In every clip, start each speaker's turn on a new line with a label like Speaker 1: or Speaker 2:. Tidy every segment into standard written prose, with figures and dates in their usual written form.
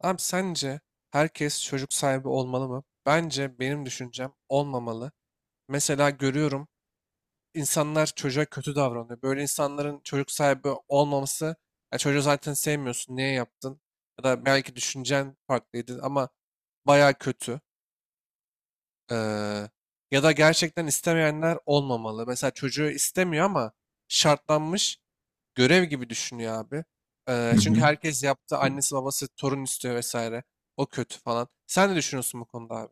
Speaker 1: Abi sence herkes çocuk sahibi olmalı mı? Bence benim düşüncem olmamalı. Mesela görüyorum insanlar çocuğa kötü davranıyor. Böyle insanların çocuk sahibi olmaması, ya çocuğu zaten sevmiyorsun, niye yaptın? Ya da belki düşüncen farklıydı ama baya kötü. Ee, Ya da gerçekten istemeyenler olmamalı. Mesela çocuğu istemiyor ama şartlanmış görev gibi düşünüyor abi.
Speaker 2: Hı
Speaker 1: Çünkü
Speaker 2: hı.
Speaker 1: herkes yaptı. Annesi babası torun istiyor vesaire. O kötü falan. Sen ne düşünüyorsun bu konuda abi?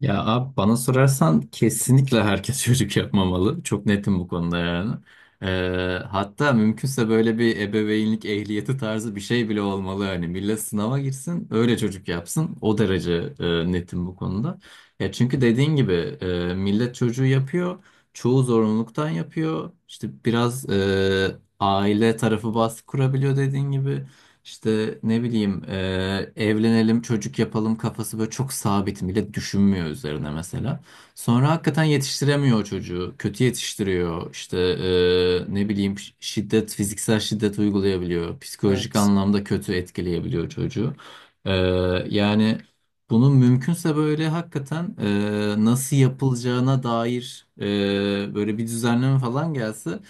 Speaker 2: Ya abi bana sorarsan kesinlikle herkes çocuk yapmamalı. Çok netim bu konuda yani. Ee, hatta mümkünse böyle bir ebeveynlik ehliyeti tarzı bir şey bile olmalı. Hani millet sınava girsin öyle çocuk yapsın. O derece netim bu konuda. Ya çünkü dediğin gibi millet çocuğu yapıyor. Çoğu zorunluluktan yapıyor. İşte biraz aile tarafı baskı kurabiliyor dediğin gibi. İşte ne bileyim evlenelim çocuk yapalım kafası böyle çok sabit bile düşünmüyor üzerine mesela. Sonra hakikaten yetiştiremiyor o çocuğu. Kötü yetiştiriyor. İşte ne bileyim şiddet fiziksel şiddet uygulayabiliyor. Psikolojik
Speaker 1: Evet.
Speaker 2: anlamda kötü etkileyebiliyor çocuğu. E, Yani bunun mümkünse böyle hakikaten nasıl yapılacağına dair böyle bir düzenleme falan gelse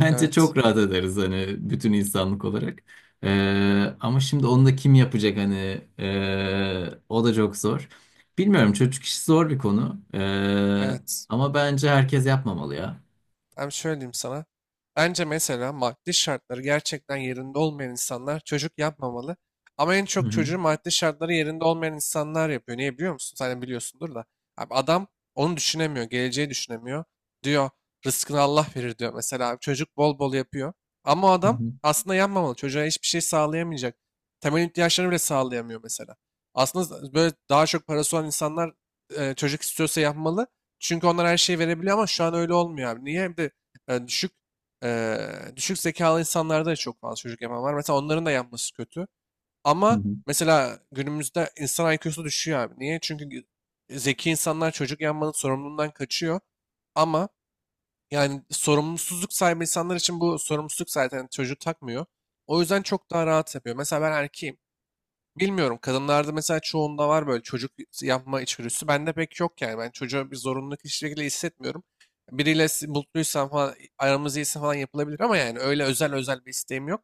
Speaker 2: bence
Speaker 1: Evet.
Speaker 2: çok rahat ederiz hani bütün insanlık olarak. Ama şimdi onu da kim yapacak hani. O da çok zor. Bilmiyorum, çocuk işi zor bir konu.
Speaker 1: Evet.
Speaker 2: Ama bence herkes yapmamalı ya.
Speaker 1: Hem şöyle diyeyim sana. Bence mesela maddi şartları gerçekten yerinde olmayan insanlar çocuk yapmamalı. Ama en
Speaker 2: Hı
Speaker 1: çok
Speaker 2: hı,
Speaker 1: çocuğu maddi şartları yerinde olmayan insanlar yapıyor. Niye biliyor musun? Sen de biliyorsundur da. Abi adam onu düşünemiyor. Geleceği düşünemiyor. Diyor rızkını Allah verir diyor. Mesela abi çocuk bol bol yapıyor. Ama o
Speaker 2: hı
Speaker 1: adam
Speaker 2: hı,
Speaker 1: aslında yapmamalı. Çocuğa hiçbir şey sağlayamayacak. Temel ihtiyaçlarını bile sağlayamıyor mesela. Aslında böyle daha çok parası olan insanlar çocuk istiyorsa yapmalı. Çünkü onlar her şeyi verebiliyor ama şu an öyle olmuyor abi. Niye? Hem de düşük e, düşük zekalı insanlarda da çok fazla çocuk yapan var. Mesela onların da yapması kötü.
Speaker 2: hı
Speaker 1: Ama mesela günümüzde insan IQ'su düşüyor abi. Niye? Çünkü zeki insanlar çocuk yapmanın sorumluluğundan kaçıyor. Ama yani sorumsuzluk sahibi insanlar için bu sorumsuzluk zaten çocuğu takmıyor. O yüzden çok daha rahat yapıyor. Mesela ben erkeğim. Bilmiyorum. Kadınlarda mesela çoğunda var böyle çocuk yapma içgüdüsü. Bende pek yok yani. Ben çocuğa bir zorunluluk hiçbir şekilde hissetmiyorum. Biriyle mutluysam falan, aramız iyiyse falan yapılabilir ama yani öyle özel özel bir isteğim yok.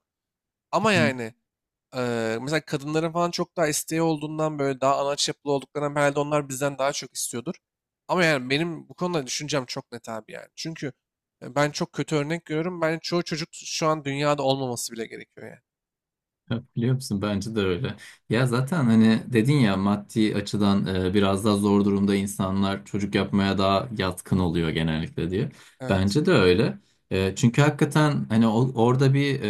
Speaker 1: Ama
Speaker 2: hı.
Speaker 1: yani mesela kadınların falan çok daha isteği olduğundan böyle daha anaç yapılı olduklarından herhalde onlar bizden daha çok istiyordur. Ama yani benim bu konuda düşüncem çok net abi yani. Çünkü ben çok kötü örnek görüyorum. Ben çoğu çocuk şu an dünyada olmaması bile gerekiyor yani.
Speaker 2: Ya biliyor musun? Bence de öyle. Ya zaten hani dedin ya maddi açıdan biraz daha zor durumda insanlar çocuk yapmaya daha yatkın oluyor genellikle diye.
Speaker 1: Evet.
Speaker 2: Bence de öyle. Çünkü hakikaten hani orada bir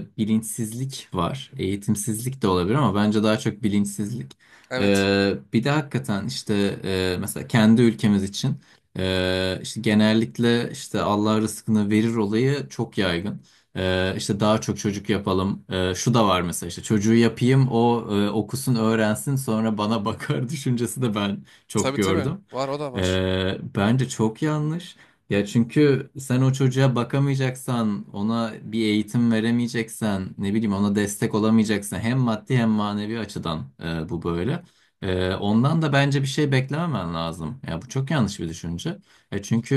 Speaker 2: bilinçsizlik var. Eğitimsizlik de olabilir ama bence daha çok bilinçsizlik.
Speaker 1: Evet.
Speaker 2: Bir de hakikaten işte mesela kendi ülkemiz için işte genellikle işte Allah rızkını verir olayı çok yaygın. İşte daha çok çocuk yapalım. Şu da var mesela işte çocuğu yapayım o okusun öğrensin sonra bana bakar düşüncesi de ben çok
Speaker 1: Tabii tabii.
Speaker 2: gördüm.
Speaker 1: Var o da var.
Speaker 2: Bence çok yanlış. Ya çünkü sen o çocuğa bakamayacaksan, ona bir eğitim veremeyeceksen, ne bileyim ona destek olamayacaksan hem maddi hem manevi açıdan bu böyle. Ondan da bence bir şey beklememen lazım. Ya bu çok yanlış bir düşünce. E çünkü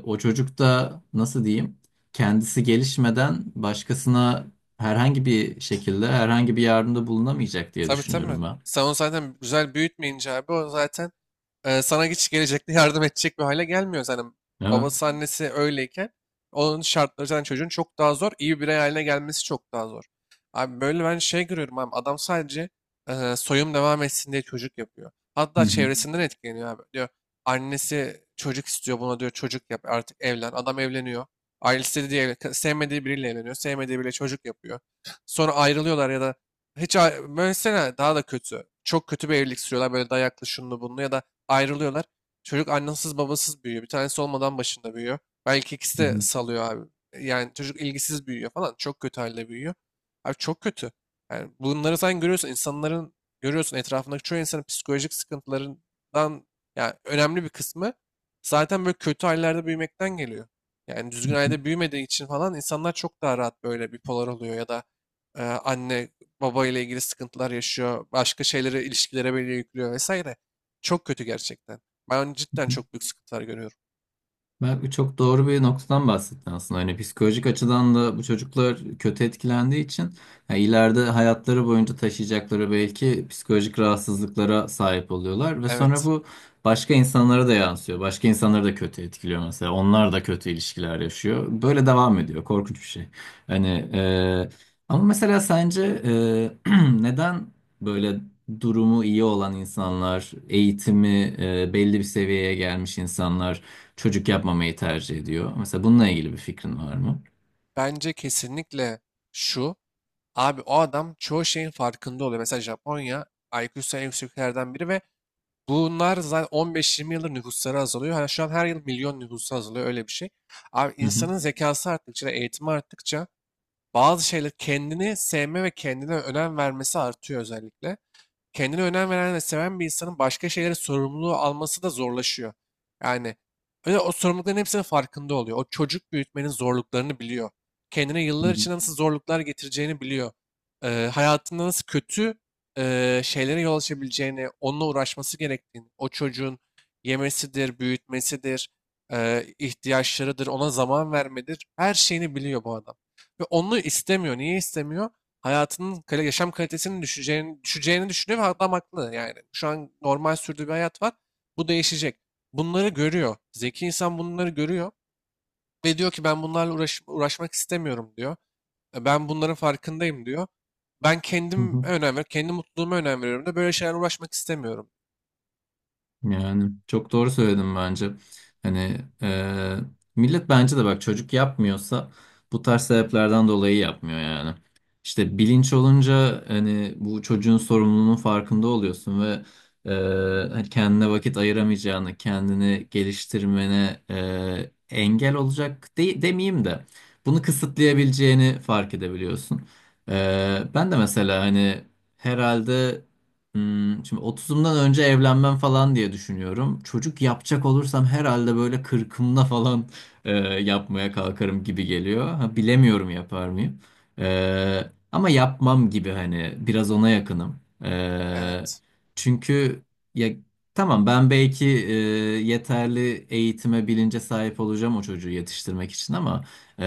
Speaker 2: e, o çocuk da nasıl diyeyim? Kendisi gelişmeden başkasına herhangi bir şekilde herhangi bir yardımda bulunamayacak diye
Speaker 1: Tabii tabii.
Speaker 2: düşünüyorum ben.
Speaker 1: Sen onu zaten güzel büyütmeyince abi o zaten sana hiç gelecekte yardım edecek bir hale gelmiyor. Zaten
Speaker 2: Evet.
Speaker 1: babası annesi öyleyken onun şartları zaten çocuğun çok daha zor. İyi bir birey haline gelmesi çok daha zor. Abi böyle ben şey görüyorum abi adam sadece soyum devam etsin diye çocuk yapıyor.
Speaker 2: Hı
Speaker 1: Hatta
Speaker 2: hı.
Speaker 1: çevresinden etkileniyor abi. Diyor annesi çocuk istiyor buna diyor çocuk yap artık evlen. Adam evleniyor. Ailesi de diye evlen- Sevmediği biriyle evleniyor. Sevmediği biriyle çocuk yapıyor. Sonra ayrılıyorlar ya da böylesine daha da kötü. Çok kötü bir evlilik sürüyorlar böyle dayaklı şunlu bunlu ya da ayrılıyorlar. Çocuk annesiz babasız büyüyor. Bir tanesi olmadan başında büyüyor. Belki ikisi
Speaker 2: Hı
Speaker 1: de
Speaker 2: hı.
Speaker 1: salıyor abi. Yani çocuk ilgisiz büyüyor falan. Çok kötü halde büyüyor. Abi çok kötü. Yani bunları sen görüyorsun. İnsanların görüyorsun etrafındaki çoğu insanın psikolojik sıkıntılarından yani önemli bir kısmı zaten böyle kötü hallerde büyümekten geliyor. Yani düzgün ailede büyümediği için falan insanlar çok daha rahat böyle bipolar oluyor ya da anne baba ile ilgili sıkıntılar yaşıyor. Başka şeylere, ilişkilere böyle yüklüyor vesaire. Çok kötü gerçekten. Ben cidden çok büyük sıkıntılar görüyorum.
Speaker 2: Bak, bu çok doğru bir noktadan bahsettin aslında. Hani psikolojik açıdan da bu çocuklar kötü etkilendiği için ya ileride hayatları boyunca taşıyacakları belki psikolojik rahatsızlıklara sahip oluyorlar ve sonra
Speaker 1: Evet.
Speaker 2: bu başka insanlara da yansıyor. Başka insanları da kötü etkiliyor mesela. Onlar da kötü ilişkiler yaşıyor. Böyle devam ediyor. Korkunç bir şey. Hani e, ama mesela sence neden böyle durumu iyi olan insanlar, eğitimi belli bir seviyeye gelmiş insanlar çocuk yapmamayı tercih ediyor. Mesela bununla ilgili bir fikrin var mı?
Speaker 1: Bence kesinlikle şu. Abi o adam çoğu şeyin farkında oluyor. Mesela Japonya IQ'su en yüksek biri ve bunlar zaten 15-20 yıldır nüfusları azalıyor. Hani şu an her yıl milyon nüfusu azalıyor öyle bir şey. Abi
Speaker 2: Hı hı.
Speaker 1: insanın zekası arttıkça, eğitimi arttıkça bazı şeyler kendini sevme ve kendine önem vermesi artıyor özellikle. Kendine önem veren ve seven bir insanın başka şeylere sorumluluğu alması da zorlaşıyor. Yani öyle o sorumlulukların hepsinin farkında oluyor. O çocuk büyütmenin zorluklarını biliyor. Kendine
Speaker 2: Hı
Speaker 1: yıllar
Speaker 2: hı.
Speaker 1: içinde nasıl zorluklar getireceğini biliyor. Hayatında nasıl kötü şeylere yol açabileceğini, onunla uğraşması gerektiğini, o çocuğun yemesidir, büyütmesidir, ihtiyaçlarıdır, ona zaman vermedir, her şeyini biliyor bu adam. Ve onu istemiyor. Niye istemiyor? Yaşam kalitesinin düşeceğini düşünüyor ve adam haklı yani. Şu an normal sürdüğü bir hayat var. Bu değişecek. Bunları görüyor. Zeki insan bunları görüyor ve diyor ki ben bunlarla uğraşmak istemiyorum diyor. " Ben bunların farkındayım diyor. Ben
Speaker 2: Hı
Speaker 1: kendim
Speaker 2: hı.
Speaker 1: önem veriyorum. Kendi mutluluğuma önem veriyorum da böyle şeylerle uğraşmak istemiyorum.
Speaker 2: Yani çok doğru söyledim bence. Hani e, millet bence de bak çocuk yapmıyorsa bu tarz sebeplerden dolayı yapmıyor yani. İşte bilinç olunca hani bu çocuğun sorumluluğunun farkında oluyorsun ve e, hani kendine vakit ayıramayacağını, kendini geliştirmene engel olacak demeyeyim de bunu kısıtlayabileceğini fark edebiliyorsun. Ben de mesela hani herhalde şimdi 30'umdan önce evlenmem falan diye düşünüyorum. Çocuk yapacak olursam herhalde böyle 40'ımda falan yapmaya kalkarım gibi geliyor. Ha, bilemiyorum yapar mıyım. Ama yapmam gibi, hani biraz ona yakınım. E,
Speaker 1: Evet.
Speaker 2: Çünkü ya tamam, ben belki yeterli eğitime bilince sahip olacağım o çocuğu yetiştirmek için ama e,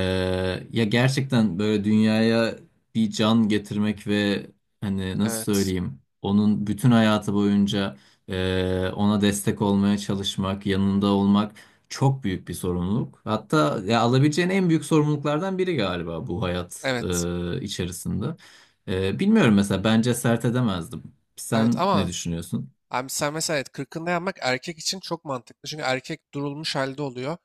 Speaker 2: ya gerçekten böyle dünyaya bir can getirmek ve hani nasıl
Speaker 1: Evet.
Speaker 2: söyleyeyim onun bütün hayatı boyunca ona destek olmaya çalışmak, yanında olmak çok büyük bir sorumluluk. Hatta ya, alabileceğin en büyük sorumluluklardan biri galiba bu hayat
Speaker 1: Evet.
Speaker 2: içerisinde. Bilmiyorum mesela, bence sert edemezdim.
Speaker 1: Evet
Speaker 2: Sen ne
Speaker 1: ama
Speaker 2: düşünüyorsun?
Speaker 1: abi sen mesela evet, kırkında yapmak erkek için çok mantıklı. Çünkü erkek durulmuş halde oluyor.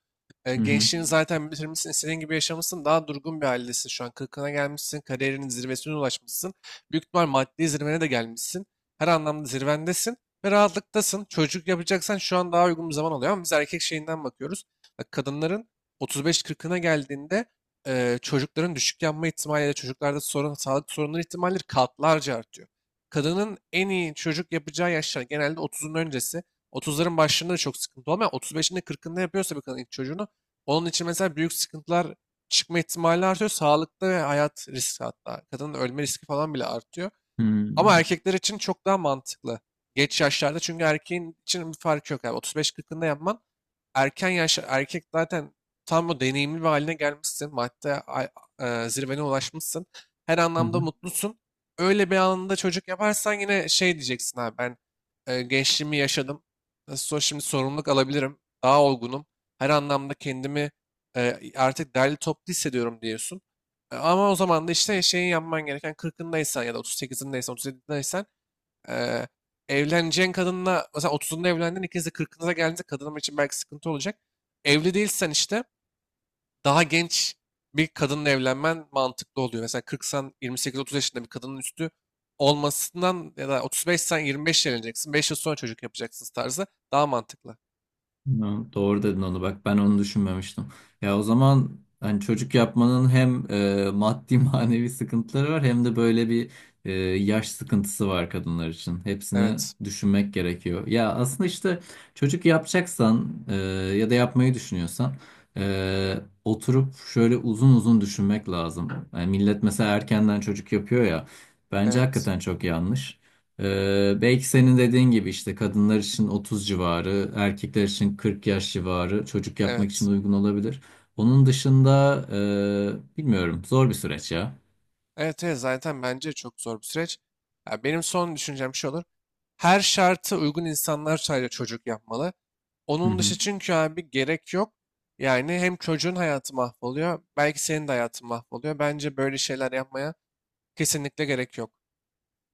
Speaker 2: Hı hı.
Speaker 1: Gençliğini zaten bitirmişsin, istediğin gibi yaşamışsın. Daha durgun bir haldesin şu an. Kırkına gelmişsin, kariyerinin zirvesine ulaşmışsın. Büyük ihtimal maddi zirvene de gelmişsin. Her anlamda zirvendesin ve rahatlıktasın. Çocuk yapacaksan şu an daha uygun bir zaman oluyor. Ama biz erkek şeyinden bakıyoruz. Bak, kadınların 35-40'ına geldiğinde çocukların düşük yanma ihtimali ya da çocuklarda sorun, sağlık sorunları ihtimalleri katlarca artıyor. Kadının en iyi çocuk yapacağı yaşlar genelde otuzun öncesi. Otuzların başlarında da çok sıkıntı olmuyor. Otuz beşinde, kırkında yapıyorsa bir kadın ilk çocuğunu onun için mesela büyük sıkıntılar çıkma ihtimali artıyor. Sağlıkta ve hayat riski hatta. Kadının ölme riski falan bile artıyor. Ama erkekler için çok daha mantıklı. Geç yaşlarda çünkü erkeğin için bir fark yok. Yani otuz beş kırkında yapman erken yaşta erkek zaten tam o deneyimli bir haline gelmişsin. Zirvene ulaşmışsın. Her
Speaker 2: Hı
Speaker 1: anlamda
Speaker 2: hı.
Speaker 1: mutlusun. Öyle bir anında çocuk yaparsan yine şey diyeceksin abi ben gençliğimi yaşadım. Nasıl olsa şimdi sorumluluk alabilirim. Daha olgunum. Her anlamda kendimi artık derli toplu hissediyorum diyorsun. Ama o zaman da işte şeyi yapman gereken kırkındaysan ya da otuz sekizindeysen, otuz 37'deysen Eee evleneceğin kadınla mesela 30'unda evlendin ikiniz de 40'ınıza geldiğinizde kadınım için belki sıkıntı olacak. Evli değilsen işte daha genç bir kadınla evlenmen mantıklı oluyor. Mesela kırksan, yirmi sekiz, otuz yaşında bir kadının üstü olmasından ya da 35'sen 25 evleneceksin. 5 yıl sonra çocuk yapacaksınız tarzı daha mantıklı.
Speaker 2: Ya, doğru dedin onu, bak ben onu düşünmemiştim. Ya o zaman hani çocuk yapmanın hem maddi manevi sıkıntıları var hem de böyle bir e, yaş sıkıntısı var kadınlar için. Hepsini
Speaker 1: Evet.
Speaker 2: düşünmek gerekiyor. Ya aslında işte çocuk yapacaksan ya da yapmayı düşünüyorsan e, oturup şöyle uzun uzun düşünmek lazım. Yani millet mesela erkenden çocuk yapıyor ya, bence
Speaker 1: Evet.
Speaker 2: hakikaten çok yanlış. Belki senin dediğin gibi işte kadınlar için 30 civarı, erkekler için 40 yaş civarı çocuk yapmak için
Speaker 1: Evet.
Speaker 2: uygun olabilir. Onun dışında bilmiyorum, zor bir süreç ya.
Speaker 1: Evet, evet zaten bence çok zor bir süreç. Ya benim son düşüncem şu olur. Her şartı uygun insanlar sadece çocuk yapmalı.
Speaker 2: Hı
Speaker 1: Onun
Speaker 2: hı.
Speaker 1: dışı çünkü abi gerek yok. Yani hem çocuğun hayatı mahvoluyor, belki senin de hayatın mahvoluyor. Bence böyle şeyler yapmaya kesinlikle gerek yok.